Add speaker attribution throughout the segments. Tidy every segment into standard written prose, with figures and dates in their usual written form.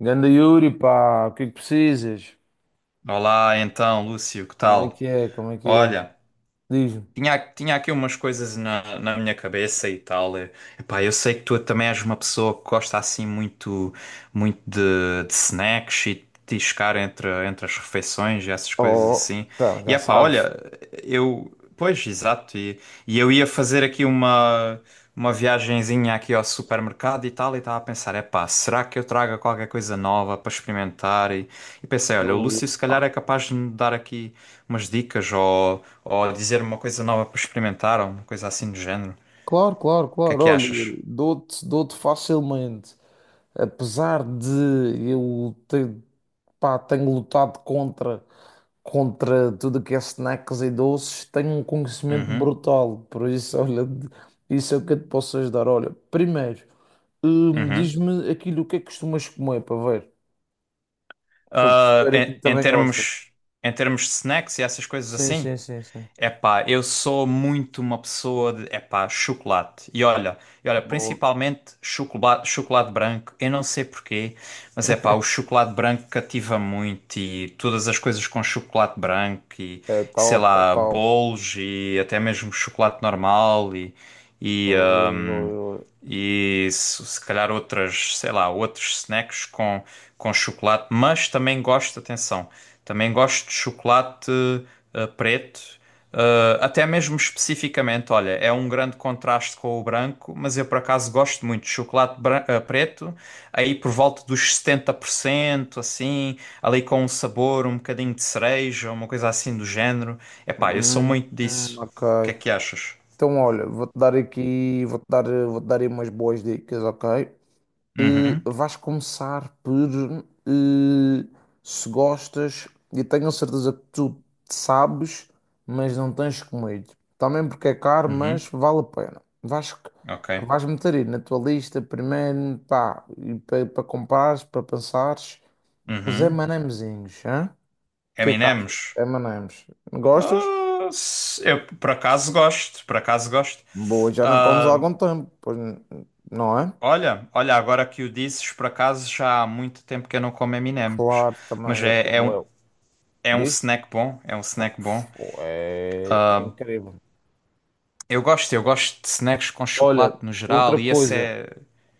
Speaker 1: Ganda Yuri, pá, o que é que precisas?
Speaker 2: Olá, então, Lúcio, que
Speaker 1: Como é que
Speaker 2: tal?
Speaker 1: é? Como é que é?
Speaker 2: Olha,
Speaker 1: Diz-me.
Speaker 2: tinha aqui umas coisas na minha cabeça e tal. E, epá, eu sei que tu também és uma pessoa que gosta assim muito, muito de snacks e de tiscar entre as refeições e essas coisas
Speaker 1: Oh,
Speaker 2: assim.
Speaker 1: tá,
Speaker 2: E
Speaker 1: já
Speaker 2: epá,
Speaker 1: sabes.
Speaker 2: olha, eu. Pois, exato. E eu ia fazer aqui uma viagenzinha aqui ao supermercado e tal. E estava a pensar: epá, será que eu traga qualquer coisa nova para experimentar? E pensei: olha, o Lúcio
Speaker 1: Oh,
Speaker 2: se calhar é capaz de me dar aqui umas dicas ou dizer uma coisa nova para experimentar ou uma coisa assim do género.
Speaker 1: claro, claro,
Speaker 2: O que é
Speaker 1: claro.
Speaker 2: que
Speaker 1: Olha,
Speaker 2: achas?
Speaker 1: Yuri, dou-te facilmente. Apesar de eu ter, pá, tenho lutado contra tudo que é snacks e doces, tenho um conhecimento
Speaker 2: Uhum,
Speaker 1: brutal. Por isso, olha, isso é o que eu te posso ajudar. Olha, primeiro,
Speaker 2: uhum.
Speaker 1: diz-me aquilo o que é que costumas comer para ver, para
Speaker 2: Ah,
Speaker 1: perceber aquilo que
Speaker 2: em, em
Speaker 1: também gostas.
Speaker 2: termos, em termos de snacks e essas coisas
Speaker 1: Sim,
Speaker 2: assim,
Speaker 1: sim, sim, sim.
Speaker 2: epá, eu sou muito uma pessoa de, epá, chocolate. E olha,
Speaker 1: Boa.
Speaker 2: principalmente chocolate, chocolate branco. Eu não sei porquê, mas epá, o chocolate branco cativa muito e todas as coisas com chocolate branco e
Speaker 1: É
Speaker 2: sei
Speaker 1: top, é
Speaker 2: lá,
Speaker 1: top.
Speaker 2: bolos e até mesmo chocolate normal e,
Speaker 1: Ui, ui, ui.
Speaker 2: e se calhar outras, sei lá, outros snacks com chocolate, mas também gosto, atenção, também gosto de chocolate preto, até mesmo especificamente, olha, é um grande contraste com o branco, mas eu por acaso gosto muito de chocolate preto, aí por volta dos 70% assim, ali com um sabor, um bocadinho de cereja, uma coisa assim do género. Epá, eu sou
Speaker 1: Hum,
Speaker 2: muito disso.
Speaker 1: ok.
Speaker 2: O que é que achas?
Speaker 1: Então, olha, vou-te dar aí umas boas dicas, ok?
Speaker 2: Uhum,
Speaker 1: Vais começar por eh, se gostas, e tenho a certeza que tu sabes, mas não tens comido. Também porque é caro, mas
Speaker 2: uhum,
Speaker 1: vale a pena. Vais,
Speaker 2: ok.
Speaker 1: vais meter aí na tua lista primeiro, pá, e para comprares, para pensares. Os
Speaker 2: Uhum.
Speaker 1: M&Mzinhos, hã? O que é que
Speaker 2: Eminems?
Speaker 1: achas? M&Ms. Gostas?
Speaker 2: Eu por acaso gosto, por acaso gosto.
Speaker 1: Boa, já não comes há
Speaker 2: Ah,
Speaker 1: algum tempo, pois não é?
Speaker 2: olha, olha, agora que o dizes, por acaso já há muito tempo que eu não como Eminems,
Speaker 1: Claro,
Speaker 2: mas
Speaker 1: também é
Speaker 2: é,
Speaker 1: como eu.
Speaker 2: é um
Speaker 1: Diz?
Speaker 2: snack bom, é um snack bom.
Speaker 1: Pô, é incrível.
Speaker 2: Eu gosto de snacks com
Speaker 1: Olha,
Speaker 2: chocolate no
Speaker 1: outra
Speaker 2: geral e esse
Speaker 1: coisa,
Speaker 2: é...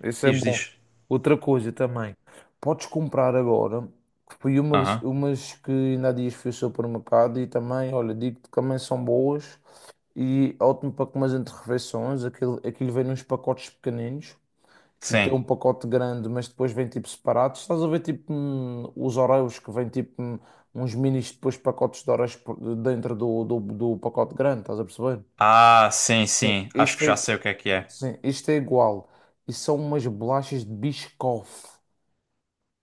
Speaker 1: isso é
Speaker 2: Diz,
Speaker 1: bom.
Speaker 2: diz.
Speaker 1: Outra coisa também. Podes comprar agora, que foi umas,
Speaker 2: Aham,
Speaker 1: umas que ainda há dias fui ao supermercado e também, olha, digo-te que também são boas e ótimo para comer entre refeições. Aquilo vem nos pacotes pequeninos, que lhe tem
Speaker 2: sim.
Speaker 1: um pacote grande, mas depois vem tipo separados. Estás a ver tipo os Oreos que vêm tipo uns minis depois pacotes de Oreos dentro do pacote grande, estás a perceber?
Speaker 2: Ah, sim,
Speaker 1: Sim.
Speaker 2: sim, acho
Speaker 1: Este
Speaker 2: que já
Speaker 1: é,
Speaker 2: sei o que é que é.
Speaker 1: sim, este é igual. E são umas bolachas de Biscoff.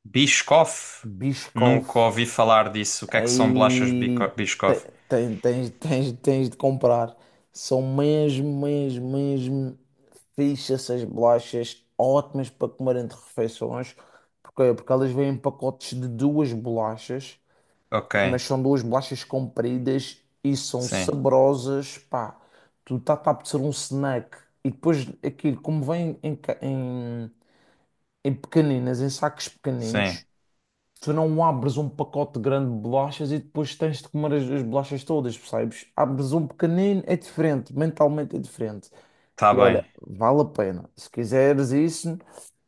Speaker 2: Biscoff?
Speaker 1: Biscoff.
Speaker 2: Nunca ouvi falar disso. O que é que são bolachas
Speaker 1: Aí te-
Speaker 2: Biscoff?
Speaker 1: tens de comprar. São mesmo, mesmo, mesmo fixe essas bolachas, ótimas para comer entre refeições, porque elas vêm em pacotes de duas bolachas,
Speaker 2: Ok,
Speaker 1: mas são duas bolachas compridas e são
Speaker 2: sim,
Speaker 1: saborosas, pá, tu tá a ser um snack. E depois aquilo, como vem em pequeninas, em sacos
Speaker 2: sim.
Speaker 1: pequeninos, tu não abres um pacote grande de bolachas e depois tens de comer as bolachas todas, percebes? Abres um pequenino, é diferente, mentalmente é diferente.
Speaker 2: Tá
Speaker 1: E olha,
Speaker 2: bem,
Speaker 1: vale a pena. Se quiseres isso,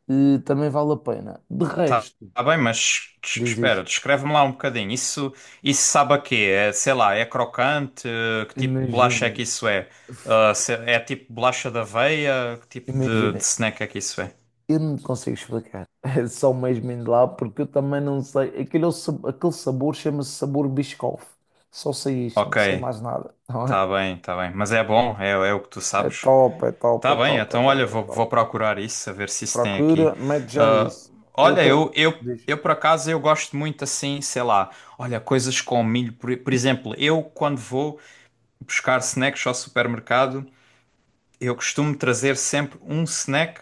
Speaker 1: também vale a pena. De
Speaker 2: tá,
Speaker 1: resto,
Speaker 2: tá bem, mas
Speaker 1: diz isto,
Speaker 2: espera, descreve-me lá um bocadinho. Isso, isso sabe a quê? É, sei lá, é crocante? Que tipo de bolacha é
Speaker 1: imagina,
Speaker 2: que isso é? É tipo bolacha da aveia? Que tipo
Speaker 1: imagina,
Speaker 2: de snack é que isso é?
Speaker 1: eu não te consigo explicar. É só mesmo indo lá, porque eu também não sei. Aquele sabor chama-se sabor Biscoff. Só sei isto, não
Speaker 2: Ok,
Speaker 1: sei mais nada. Não é?
Speaker 2: tá bem, tá bem. Mas é bom, é, é o que tu
Speaker 1: É
Speaker 2: sabes.
Speaker 1: top, é top,
Speaker 2: Tá
Speaker 1: é
Speaker 2: bem,
Speaker 1: top, é
Speaker 2: então
Speaker 1: top,
Speaker 2: olha,
Speaker 1: é
Speaker 2: vou,
Speaker 1: top.
Speaker 2: vou procurar isso, a ver se isso tem aqui.
Speaker 1: Procura, mete já
Speaker 2: Ah,
Speaker 1: isso.
Speaker 2: olha,
Speaker 1: Outra.
Speaker 2: eu, eu,
Speaker 1: Diz.
Speaker 2: eu por acaso eu gosto muito assim, sei lá, olha, coisas com milho. Por exemplo, eu quando vou buscar snacks ao supermercado, eu costumo trazer sempre um snack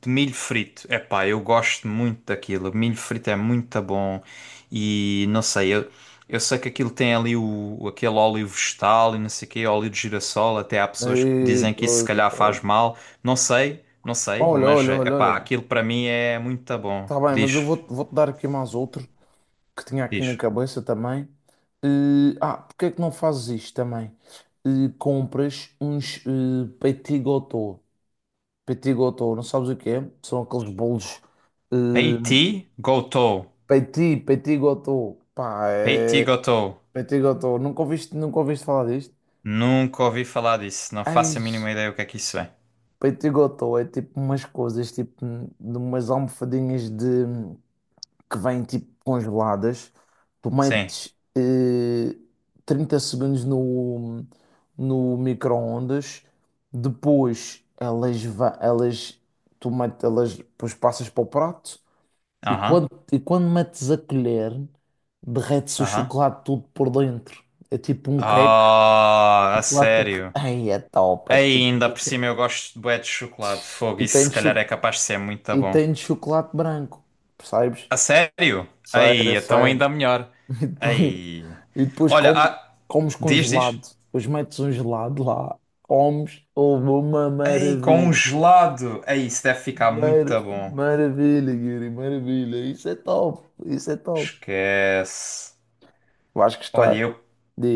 Speaker 2: de milho frito. Epá, eu gosto muito daquilo. Milho frito é muito bom e não sei, eu sei que aquilo tem ali o, aquele óleo vegetal e não sei o quê, óleo de girassol, até há pessoas que
Speaker 1: E,
Speaker 2: dizem que isso se
Speaker 1: pois,
Speaker 2: calhar
Speaker 1: ó,
Speaker 2: faz mal. Não sei, não sei,
Speaker 1: olha,
Speaker 2: mas
Speaker 1: olha, olha,
Speaker 2: epá,
Speaker 1: olha.
Speaker 2: aquilo para mim é muito bom.
Speaker 1: Está bem, mas eu
Speaker 2: Diz,
Speaker 1: vou-te dar aqui mais outro que tinha aqui na
Speaker 2: diz.
Speaker 1: cabeça também. E, porque é que não fazes isto também? E compras uns petit gâteau. Petit gâteau, não sabes o que é? São aqueles bolos, eh,
Speaker 2: Peiti Gotou.
Speaker 1: petit gâteau. Pá,
Speaker 2: Peiti
Speaker 1: é.
Speaker 2: Gotou.
Speaker 1: Petit gâteau. Nunca ouviste falar disto?
Speaker 2: Nunca ouvi falar disso, não faço
Speaker 1: Ai,
Speaker 2: a mínima ideia o que é que isso é.
Speaker 1: Peito e gotó é tipo umas coisas, tipo de umas almofadinhas de que vêm tipo congeladas. Tu
Speaker 2: Sim.
Speaker 1: metes 30 segundos no micro-ondas, depois elas, tu metes, elas depois passas para o prato e
Speaker 2: Aham.
Speaker 1: quando metes a colher, derrete-se o
Speaker 2: Aham.
Speaker 1: chocolate tudo por dentro. É tipo um cake,
Speaker 2: Ah, a
Speaker 1: chocolate.
Speaker 2: sério.
Speaker 1: Ai, é top!
Speaker 2: Aí, ainda por cima eu gosto de bué de chocolate de fogo.
Speaker 1: E
Speaker 2: Isso
Speaker 1: tem,
Speaker 2: se calhar
Speaker 1: cho-
Speaker 2: é capaz de ser muito
Speaker 1: e
Speaker 2: bom.
Speaker 1: tem de chocolate branco, percebes?
Speaker 2: A sério? Aí,
Speaker 1: Sério,
Speaker 2: então
Speaker 1: sério.
Speaker 2: ainda melhor.
Speaker 1: E depois,
Speaker 2: Aí.
Speaker 1: e depois
Speaker 2: Olha,
Speaker 1: come- comes com
Speaker 2: diz, diz.
Speaker 1: gelado. Depois metes um gelado lá, comes, houve uma
Speaker 2: Aí, com um
Speaker 1: maravilha.
Speaker 2: gelado. Aí, isso deve ficar
Speaker 1: Mar-
Speaker 2: muito bom.
Speaker 1: Maravilha, Yuri, maravilha. Isso é top, isso é top.
Speaker 2: Esquece.
Speaker 1: Vais
Speaker 2: Olha,
Speaker 1: gostar.
Speaker 2: eu.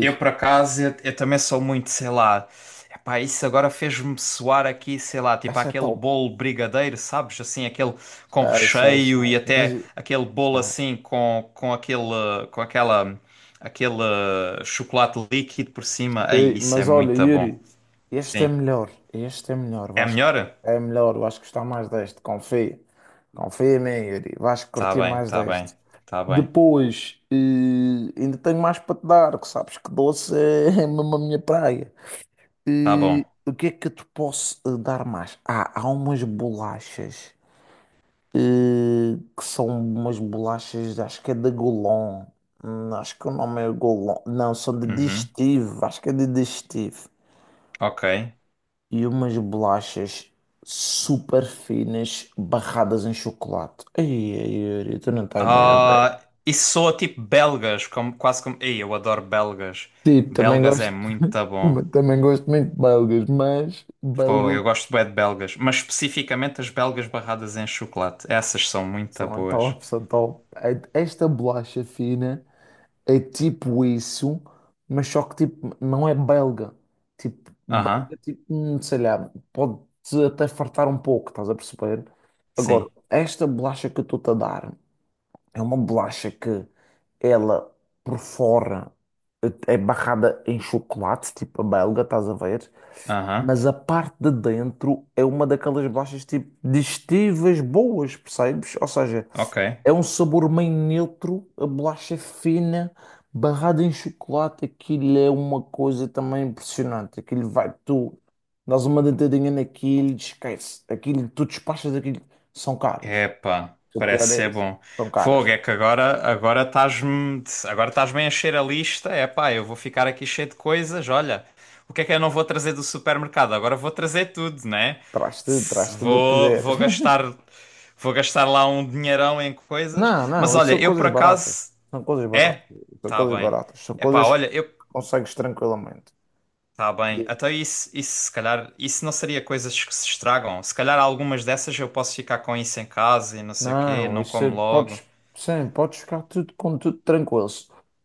Speaker 2: Eu, por acaso, eu também sou muito, sei lá. Epá, isso agora fez-me soar aqui, sei lá, tipo
Speaker 1: isso é
Speaker 2: aquele
Speaker 1: top.
Speaker 2: bolo brigadeiro, sabes? Assim, aquele com
Speaker 1: Sai, sai,
Speaker 2: recheio e
Speaker 1: sai.
Speaker 2: até aquele bolo
Speaker 1: Ah,
Speaker 2: assim com aquele, com aquela, aquele chocolate líquido por cima. Aí,
Speaker 1: Ei,
Speaker 2: isso é
Speaker 1: Mas olha,
Speaker 2: muito bom.
Speaker 1: Yuri,
Speaker 2: Sim.
Speaker 1: este é melhor,
Speaker 2: É melhor?
Speaker 1: é melhor, vais gostar mais deste, confia, confia em mim, Yuri, vais
Speaker 2: Tá
Speaker 1: curtir
Speaker 2: bem,
Speaker 1: mais
Speaker 2: tá bem,
Speaker 1: deste.
Speaker 2: tá bem,
Speaker 1: Depois, ainda tenho mais para te dar, que sabes que doce é mesmo a minha praia.
Speaker 2: tá bom.
Speaker 1: O que é que eu te posso dar mais? Ah, há umas bolachas, eh, que são umas bolachas, acho que é da Golon. Acho que o nome é Golon, não, são de
Speaker 2: Uhum.
Speaker 1: digestivo, acho que é de digestivo
Speaker 2: Ok.
Speaker 1: e umas bolachas super finas barradas em chocolate. Ai, ai, Yuri, tu não estás bem a ver.
Speaker 2: Ah, e soa tipo belgas, como, quase como. Ei, eu adoro belgas.
Speaker 1: Tipo, também
Speaker 2: Belgas é
Speaker 1: gosto,
Speaker 2: muito bom.
Speaker 1: também gosto muito de belgas, mas
Speaker 2: Pô,
Speaker 1: belgas
Speaker 2: eu gosto bem de belgas, mas especificamente as belgas barradas em chocolate. Essas são muito
Speaker 1: são a
Speaker 2: boas.
Speaker 1: top, são top. Esta bolacha fina é tipo isso, mas só que tipo, não é belga. Tipo,
Speaker 2: Aham,
Speaker 1: belga, tipo, sei lá, pode-te até fartar um pouco, estás a perceber? Agora,
Speaker 2: sim.
Speaker 1: esta bolacha que eu estou-te a dar. É uma bolacha que ela por fora é barrada em chocolate, tipo a belga, estás a ver?
Speaker 2: Aham,
Speaker 1: Mas a parte de dentro é uma daquelas bolachas tipo digestivas boas, percebes? Ou seja,
Speaker 2: ok.
Speaker 1: é um sabor meio neutro, a bolacha é fina, barrada em chocolate, aquilo é uma coisa também impressionante. Aquilo vai, tu dás uma dentadinha naquilo, esquece. Aquilo, tu despachas aquilo, são caras.
Speaker 2: Epá,
Speaker 1: O
Speaker 2: parece
Speaker 1: pior é
Speaker 2: ser
Speaker 1: isso,
Speaker 2: bom.
Speaker 1: são
Speaker 2: Fogo,
Speaker 1: caras.
Speaker 2: é que agora estás-me a encher a lista. Epá, eu vou ficar aqui cheio de coisas. Olha, o que é que eu não vou trazer do supermercado? Agora vou trazer tudo, né? Se-
Speaker 1: Traz tudo o que
Speaker 2: Vou
Speaker 1: quiseres.
Speaker 2: vou gastar vou gastar lá um dinheirão em coisas.
Speaker 1: Não,
Speaker 2: Mas
Speaker 1: não, isto
Speaker 2: olha,
Speaker 1: são
Speaker 2: eu por
Speaker 1: coisas baratas.
Speaker 2: acaso
Speaker 1: São coisas baratas.
Speaker 2: é,
Speaker 1: São
Speaker 2: tá
Speaker 1: coisas
Speaker 2: bem.
Speaker 1: baratas. São
Speaker 2: Epá,
Speaker 1: coisas que
Speaker 2: olha, eu
Speaker 1: consegues tranquilamente.
Speaker 2: tá bem.
Speaker 1: Digo,
Speaker 2: Até isso se calhar isso não seria coisas que se estragam. Se calhar algumas dessas eu posso ficar com isso em casa e não sei o quê,
Speaker 1: não,
Speaker 2: não como logo.
Speaker 1: podes, sim, podes ficar tudo com tudo tranquilo.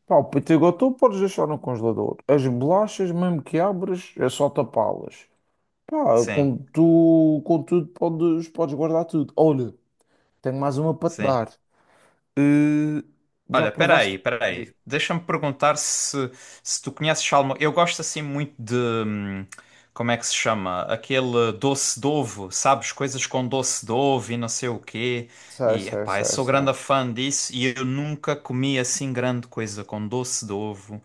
Speaker 1: Pá, o Pitigotú podes deixar no congelador. As bolachas, mesmo que abres, é só tapá-las. Pá,
Speaker 2: Sim,
Speaker 1: com tudo podes guardar tudo. Olha, tenho mais uma para te
Speaker 2: sim.
Speaker 1: dar. Eh, Já
Speaker 2: Olha,
Speaker 1: provaste?
Speaker 2: peraí, peraí.
Speaker 1: Diz.
Speaker 2: Deixa-me perguntar se, se tu conheces alguma. Eu gosto assim muito de. Como é que se chama? Aquele doce de ovo, sabes? Coisas com doce de ovo e não sei o quê.
Speaker 1: Sei,
Speaker 2: E,
Speaker 1: sei,
Speaker 2: epá, eu
Speaker 1: sei,
Speaker 2: sou
Speaker 1: sei.
Speaker 2: grande fã disso e eu nunca comi assim grande coisa com doce de ovo.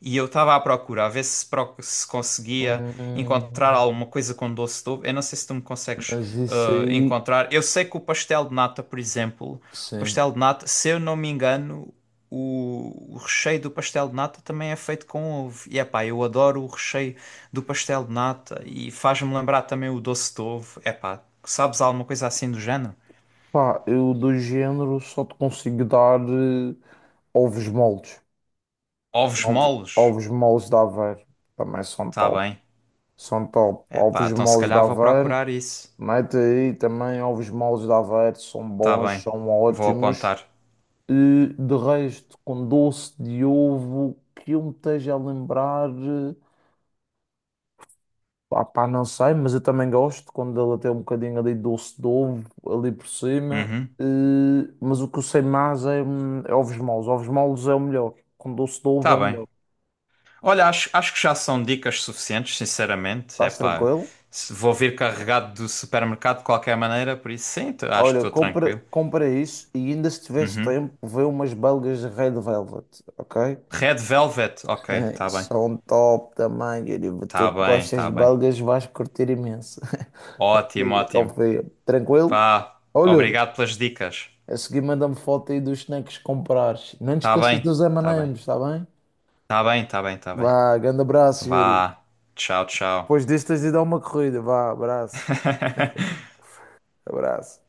Speaker 2: E eu estava à procura, a ver se, se conseguia encontrar
Speaker 1: Hum,
Speaker 2: alguma coisa com doce de ovo. Eu não sei se tu me consegues
Speaker 1: mas isso aí,
Speaker 2: encontrar. Eu sei que o pastel de nata, por exemplo.
Speaker 1: sim.
Speaker 2: Pastel de nata, se eu não me engano, o recheio do pastel de nata também é feito com ovo. E epá, eu adoro o recheio do pastel de nata e faz-me lembrar também o doce de ovo. Epá, sabes alguma coisa assim do género?
Speaker 1: Pá, eu do género só te consigo dar ovos moles.
Speaker 2: Ovos
Speaker 1: Ovos,
Speaker 2: moles?
Speaker 1: ovos moles de Aveiro também são
Speaker 2: Tá
Speaker 1: top.
Speaker 2: bem.
Speaker 1: São top.
Speaker 2: Epá,
Speaker 1: Ovos
Speaker 2: então se
Speaker 1: moles de
Speaker 2: calhar vou
Speaker 1: Aveiro,
Speaker 2: procurar isso.
Speaker 1: mete aí também ovos moles de Aveiro, são
Speaker 2: Tá
Speaker 1: bons,
Speaker 2: bem.
Speaker 1: são
Speaker 2: Vou
Speaker 1: ótimos.
Speaker 2: apontar.
Speaker 1: E de resto, com doce de ovo, que eu me esteja a lembrar. Pá, pá, não sei, mas eu também gosto quando ela tem um bocadinho ali de doce de ovo ali por cima.
Speaker 2: Uhum.
Speaker 1: Mas o que eu sei mais é, é ovos moles. Ovos moles é o melhor. Com doce de ovo é
Speaker 2: Tá
Speaker 1: o
Speaker 2: bem.
Speaker 1: melhor.
Speaker 2: Olha, acho, acho que já são dicas suficientes, sinceramente.
Speaker 1: Estás
Speaker 2: Epá,
Speaker 1: tranquilo?
Speaker 2: vou vir carregado do supermercado de qualquer maneira, por isso sim, acho que
Speaker 1: Olha,
Speaker 2: estou
Speaker 1: compra,
Speaker 2: tranquilo.
Speaker 1: compra isso e ainda se tiveres tempo, vê umas belgas de Red Velvet, ok?
Speaker 2: Red Velvet, ok, tá bem.
Speaker 1: São top também, querido. Tu
Speaker 2: Tá
Speaker 1: que
Speaker 2: bem,
Speaker 1: gostas
Speaker 2: tá
Speaker 1: de
Speaker 2: bem.
Speaker 1: belgas, vais curtir imenso.
Speaker 2: Ótimo,
Speaker 1: Confia,
Speaker 2: ótimo.
Speaker 1: confia. Tranquilo?
Speaker 2: Vá,
Speaker 1: Olha.
Speaker 2: obrigado pelas dicas.
Speaker 1: A seguir manda-me foto aí dos snacks que comprares. Não te
Speaker 2: Tá
Speaker 1: esqueças
Speaker 2: bem,
Speaker 1: dos
Speaker 2: tá bem.
Speaker 1: M&M's, está bem?
Speaker 2: Tá bem, tá bem, tá bem.
Speaker 1: Vá, grande abraço, Yuri.
Speaker 2: Vá. Tchau, tchau.
Speaker 1: Depois disto tens de dar uma corrida. Vá, abraço. Abraço.